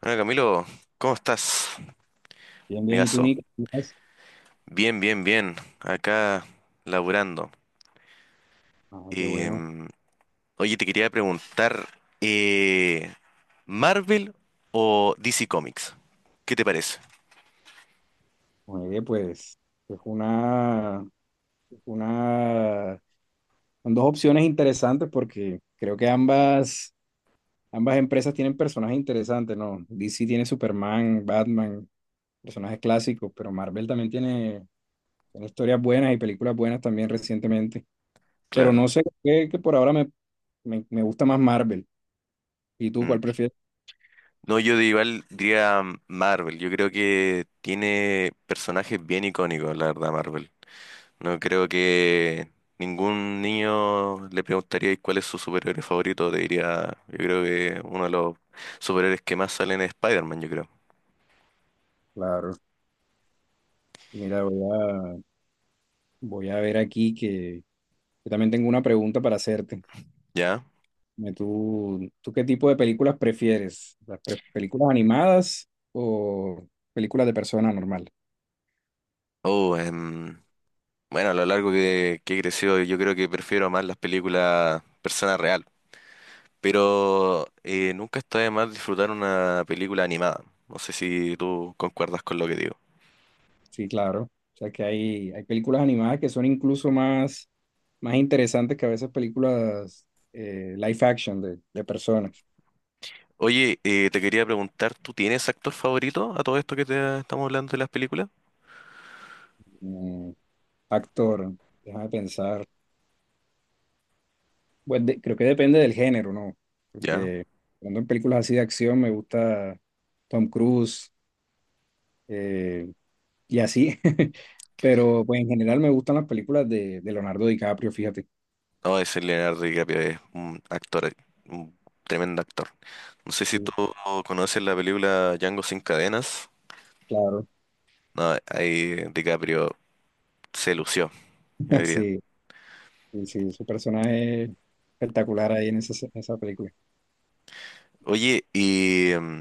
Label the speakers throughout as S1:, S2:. S1: Bueno, Camilo, ¿cómo estás,
S2: Bien, bien, ¿y tú,
S1: amigazo?
S2: Nico? ¿Cómo estás?
S1: Bien, bien, bien. Acá laburando.
S2: Ah, qué bueno.
S1: Em, Oye, te quería preguntar, eh, ¿Marvel o DC Comics? ¿Qué te parece?
S2: Oye, pues es una, son dos opciones interesantes porque creo que ambas empresas tienen personajes interesantes, ¿no? DC tiene Superman, Batman, personajes clásicos, pero Marvel también tiene historias buenas y películas buenas también recientemente. Pero no
S1: Claro.
S2: sé, qué que por ahora me gusta más Marvel. ¿Y tú
S1: Mm.
S2: cuál prefieres?
S1: No, yo de igual diría Marvel. Yo creo que tiene personajes bien icónicos, la verdad, Marvel. No creo que ningún niño le preguntaría "¿Y cuál es su superhéroe favorito? Te diría, yo creo que uno de los superhéroes que más salen es Spider-Man, yo creo.
S2: Claro. Mira, voy a ver aquí que yo también tengo una pregunta para hacerte.
S1: ¿Ya?
S2: Dime. ¿Tú qué tipo de películas prefieres? ¿Las películas animadas o películas de persona normal?
S1: Oh, em, bueno, a lo largo que he crecido, yo creo que prefiero más las películas persona real. Pero nunca está de más disfrutar una película animada. No sé si tú concuerdas con lo que digo.
S2: Sí, claro. O sea que hay películas animadas que son incluso más, más interesantes que a veces películas live action de personas.
S1: Oye, te quería preguntar, ¿tú tienes actor favorito a todo esto que te estamos hablando de las películas?
S2: Mm, actor, déjame pensar. Pues creo que depende del género, ¿no?
S1: ¿Ya?
S2: Porque cuando en películas así de acción me gusta Tom Cruise, eh, y así. Pero pues en general me gustan las películas de Leonardo DiCaprio, fíjate.
S1: No, ese Leonardo DiCaprio es un actor, un tremendo actor. No sé si tú
S2: Sí,
S1: conoces la película Django sin cadenas.
S2: claro.
S1: No, ahí DiCaprio se lució, yo diría.
S2: Sí, sí, sí, su personaje es espectacular ahí en esa película.
S1: Oye, ¿y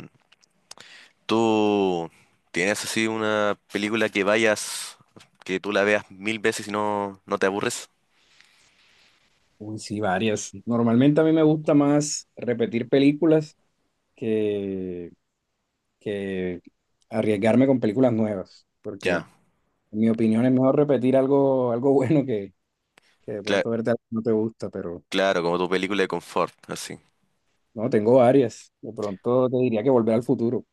S1: tú tienes así una película que vayas, que tú la veas mil veces y no te aburres?
S2: Uy, sí, varias. Normalmente a mí me gusta más repetir películas que, que arriesgarme con películas nuevas, porque
S1: Ya,
S2: en mi opinión es mejor repetir algo bueno que de
S1: cla-
S2: pronto verte algo que no te gusta, pero
S1: claro, como tu película de confort, así.
S2: no, tengo varias. De pronto te diría que Volver al Futuro,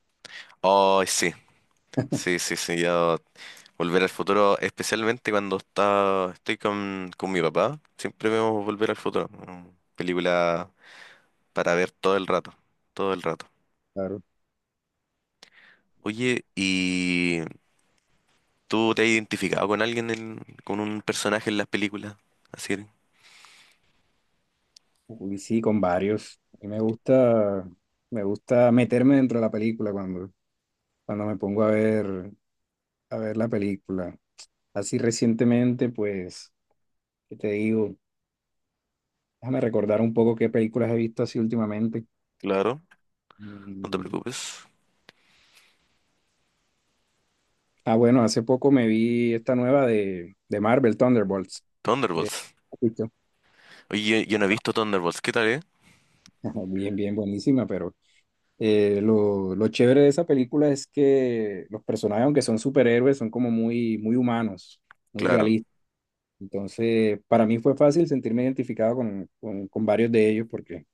S1: Oh, sí, yo Volver al futuro, especialmente cuando estoy con mi papá, siempre vemos Volver al futuro. Película para ver todo el rato, todo el rato.
S2: claro.
S1: Oye, ¿y tú te has identificado con alguien, con un personaje en las películas? Así,
S2: Uy, sí, con varios. A mí me me gusta meterme dentro de la película cuando me pongo a a ver la película. Así recientemente, pues, ¿qué te digo? Déjame recordar un poco qué películas he visto así últimamente.
S1: claro, no te
S2: Y-
S1: preocupes.
S2: ah, bueno, hace poco me vi esta nueva de Marvel, Thunderbolts. Ya-
S1: Thunderbolts.
S2: Listo.
S1: Oye, yo, no he visto Thunderbolts, ¿qué tal, eh?
S2: Bien, bien, buenísima, pero lo chévere de esa película es que los personajes, aunque son superhéroes, son como muy, muy humanos, muy
S1: Claro,
S2: realistas. Entonces, para mí fue fácil sentirme identificado con varios de ellos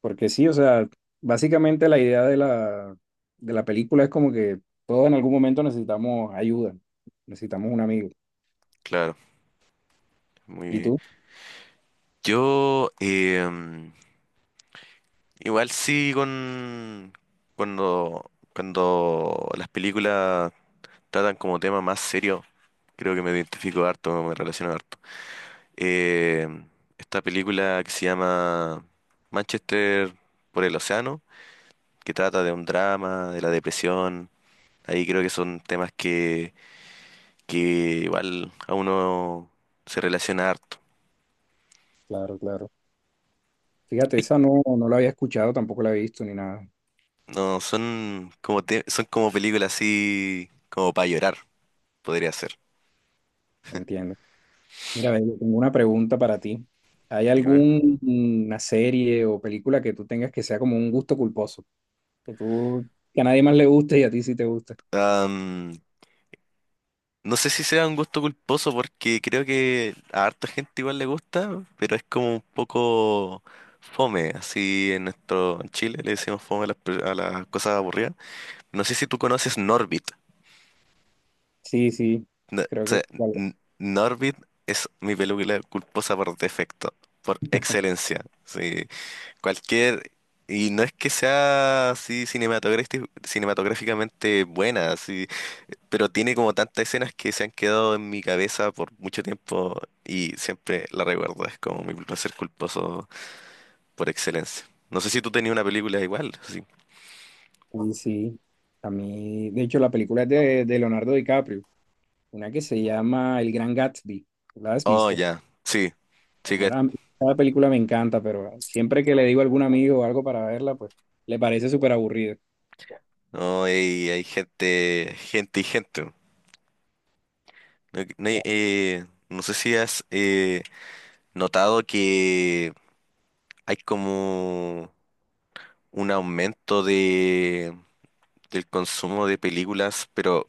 S2: porque sí, o sea, básicamente la idea de la película es como que todos en algún momento necesitamos ayuda, necesitamos un amigo.
S1: claro, muy
S2: ¿Y
S1: bien.
S2: tú?
S1: Yo, igual sí con, cuando las películas tratan como tema más serio, creo que me identifico harto, me relaciono harto. Eh, esta película que se llama Manchester por el Océano, que trata de un drama, de la depresión, ahí creo que son temas que igual a uno se relaciona harto.
S2: Claro, claro. Fíjate,
S1: Uy,
S2: esa no la había escuchado, tampoco la he visto ni nada,
S1: no, son son como películas así como para llorar, podría ser.
S2: entiendo. Mira, ve, yo tengo una pregunta para ti. ¿Hay
S1: Dime.
S2: alguna serie o película que tú tengas que sea como un gusto culposo? Que que a nadie más le guste y a ti sí te gusta.
S1: No sé si sea un gusto culposo porque creo que a harta gente igual le gusta, pero es como un poco fome, así en nuestro en Chile le decimos fome a a las cosas aburridas. No sé si tú conoces Norbit.
S2: Sí, sí,
S1: O
S2: creo que...
S1: sea, Norbit es mi película culposa por defecto, por excelencia. Sí. Cualquier, y no es que sea así cinematográficamente buena, así, pero tiene como tantas escenas que se han quedado en mi cabeza por mucho tiempo y siempre la recuerdo, es como mi placer culposo por excelencia. No sé si tú tenías una película igual, así.
S2: Sí, sí. A mí, de hecho, la película es de Leonardo DiCaprio, una que se llama El Gran Gatsby. ¿La has
S1: Oh,
S2: visto?
S1: ya, sí.
S2: Alguna- Cada película me encanta, pero siempre que le digo a algún amigo o algo para verla, pues le parece súper aburrida.
S1: No, hay gente, gente y gente. No,
S2: Claro.
S1: no sé si has notado que hay como un aumento del consumo de películas, pero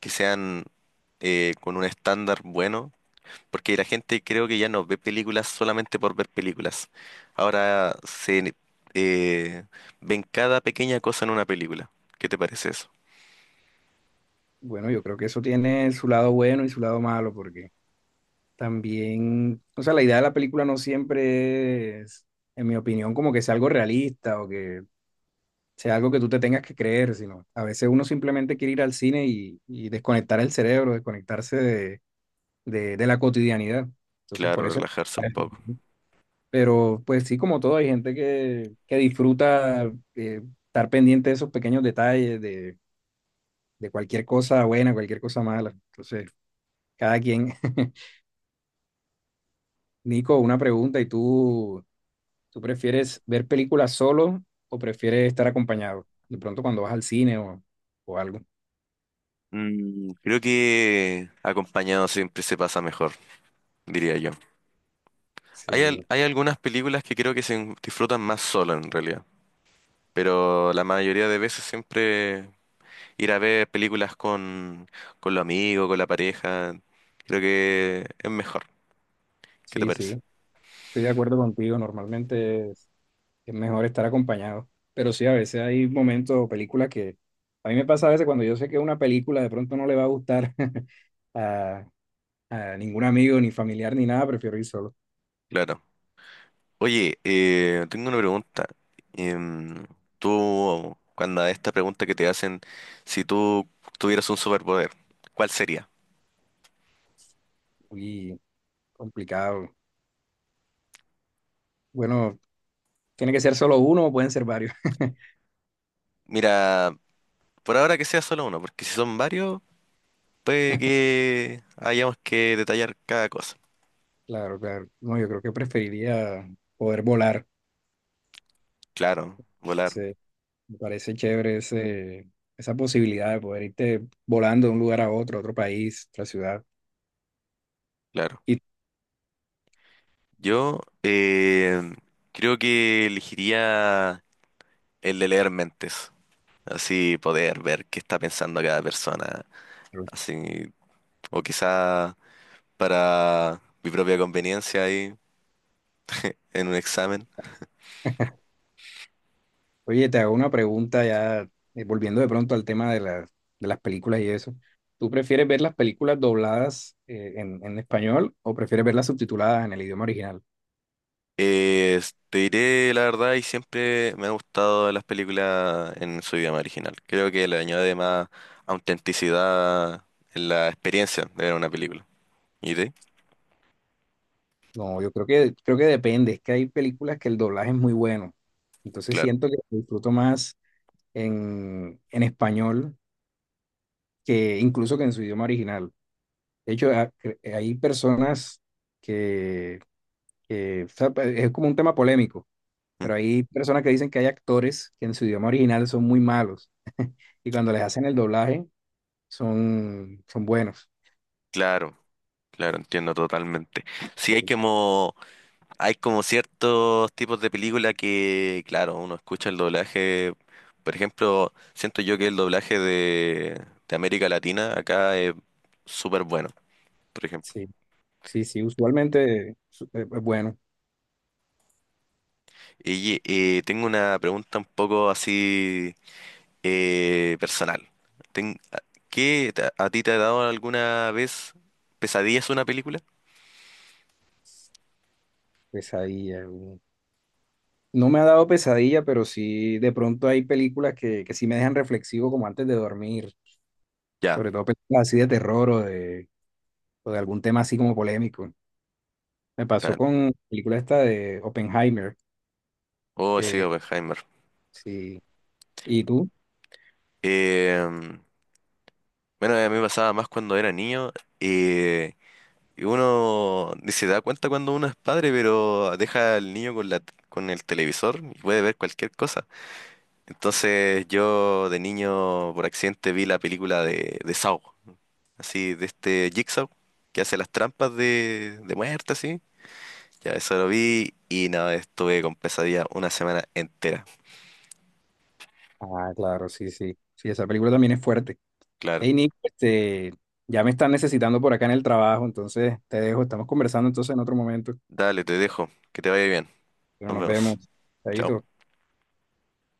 S1: que sean con un estándar bueno, porque la gente creo que ya no ve películas solamente por ver películas. Ahora se eh, ven cada pequeña cosa en una película. ¿Qué te parece eso?
S2: Bueno, yo creo que eso tiene su lado bueno y su lado malo, porque también, o sea, la idea de la película no siempre es, en mi opinión, como que sea algo realista o que sea algo que tú te tengas que creer, sino a veces uno simplemente quiere ir al cine y desconectar el cerebro, desconectarse de la cotidianidad. Entonces, por
S1: Claro,
S2: eso...
S1: relajarse un poco.
S2: Pero pues sí, como todo, hay gente que disfruta estar pendiente de esos pequeños detalles, de cualquier cosa buena, cualquier cosa mala. Entonces, cada quien. Nico, una pregunta, ¿y tú prefieres ver películas solo o prefieres estar acompañado? De pronto cuando vas al cine o algo.
S1: Mm, creo que acompañado siempre se pasa mejor, diría yo. Hay,
S2: Sí,
S1: hay algunas películas que creo que se disfrutan más solo en realidad, pero la mayoría de veces siempre ir a ver películas con los amigos, con la pareja, creo que es mejor. ¿Qué te
S2: sí,
S1: parece?
S2: sí. Estoy de acuerdo contigo, normalmente es mejor estar acompañado, pero sí, a veces hay momentos o películas que a mí me pasa a veces cuando yo sé que una película de pronto no le va a gustar a, a ningún amigo, ni familiar, ni nada, prefiero ir solo.
S1: Claro. Oye, tengo una pregunta. Em, Tú, cuando a esta pregunta que te hacen, si tú tuvieras un superpoder, ¿cuál sería?
S2: Muy complicado. Bueno, tiene que ser solo uno o pueden ser varios.
S1: Mira, por ahora que sea solo uno, porque si son varios, puede que hayamos que detallar cada cosa.
S2: Claro, claro. No, yo creo que preferiría poder volar.
S1: Claro, volar,
S2: Sí, me parece chévere esa posibilidad de poder irte volando de un lugar a otro país, otra ciudad.
S1: claro.
S2: Y
S1: Yo eh, creo que elegiría el de leer mentes, así poder ver qué está pensando cada persona, así, o quizá para mi propia conveniencia ahí en un examen.
S2: oye, te hago una pregunta ya, volviendo de pronto al tema de, de las películas y eso. ¿Tú prefieres ver las películas dobladas en español o prefieres verlas subtituladas en el idioma original?
S1: Eh, Te diré la verdad y siempre me han gustado las películas en su idioma original. Creo que le añade más autenticidad en la experiencia de ver una película. ¿Y de?
S2: No, yo creo creo que depende. Es que hay películas que el doblaje es muy bueno. Entonces
S1: Claro,
S2: siento que disfruto más en español que incluso que en su idioma original. De hecho, hay personas que, o sea, es como un tema polémico.
S1: mm,
S2: Pero hay personas que dicen que hay actores que en su idioma original son muy malos y cuando les hacen el doblaje son buenos.
S1: claro, claro, entiendo totalmente. Sí hay como Hay como ciertos tipos de película que, claro, uno escucha el doblaje. Por ejemplo, siento yo que el doblaje de América Latina acá es súper bueno, por ejemplo.
S2: Sí, sí, sí, usualmente bueno,
S1: Y tengo una pregunta un poco así personal. Ten- a- ¿Qué a ti te ha dado alguna vez pesadillas una película?
S2: pesadilla. No me ha dado pesadilla, pero sí, de pronto hay películas que sí me dejan reflexivo como antes de dormir,
S1: Ya,
S2: sobre todo películas así de terror o de algún tema así como polémico. Me pasó
S1: claro.
S2: con la película esta de Oppenheimer.
S1: Oh, sí,
S2: eh,
S1: Oppenheimer.
S2: sí. ¿Y tú?
S1: Eh, bueno, a mí me pasaba más cuando era niño. eh, Y uno ni se da cuenta cuando uno es padre, pero deja al niño con la, con el televisor y puede ver cualquier cosa. Entonces yo de niño por accidente vi la película de Saw, así de este Jigsaw que hace las trampas de muerte, así. Ya eso lo vi y nada, estuve con pesadilla una semana entera.
S2: Ah, claro, sí, sí. Sí, esa película también es fuerte.
S1: Claro.
S2: Hey Nick, ya me están necesitando por acá en el trabajo, entonces te dejo, estamos conversando entonces en otro momento,
S1: Dale, te dejo. Que te vaya bien.
S2: pero
S1: Nos
S2: nos
S1: vemos.
S2: vemos.
S1: Chao.
S2: Chaito.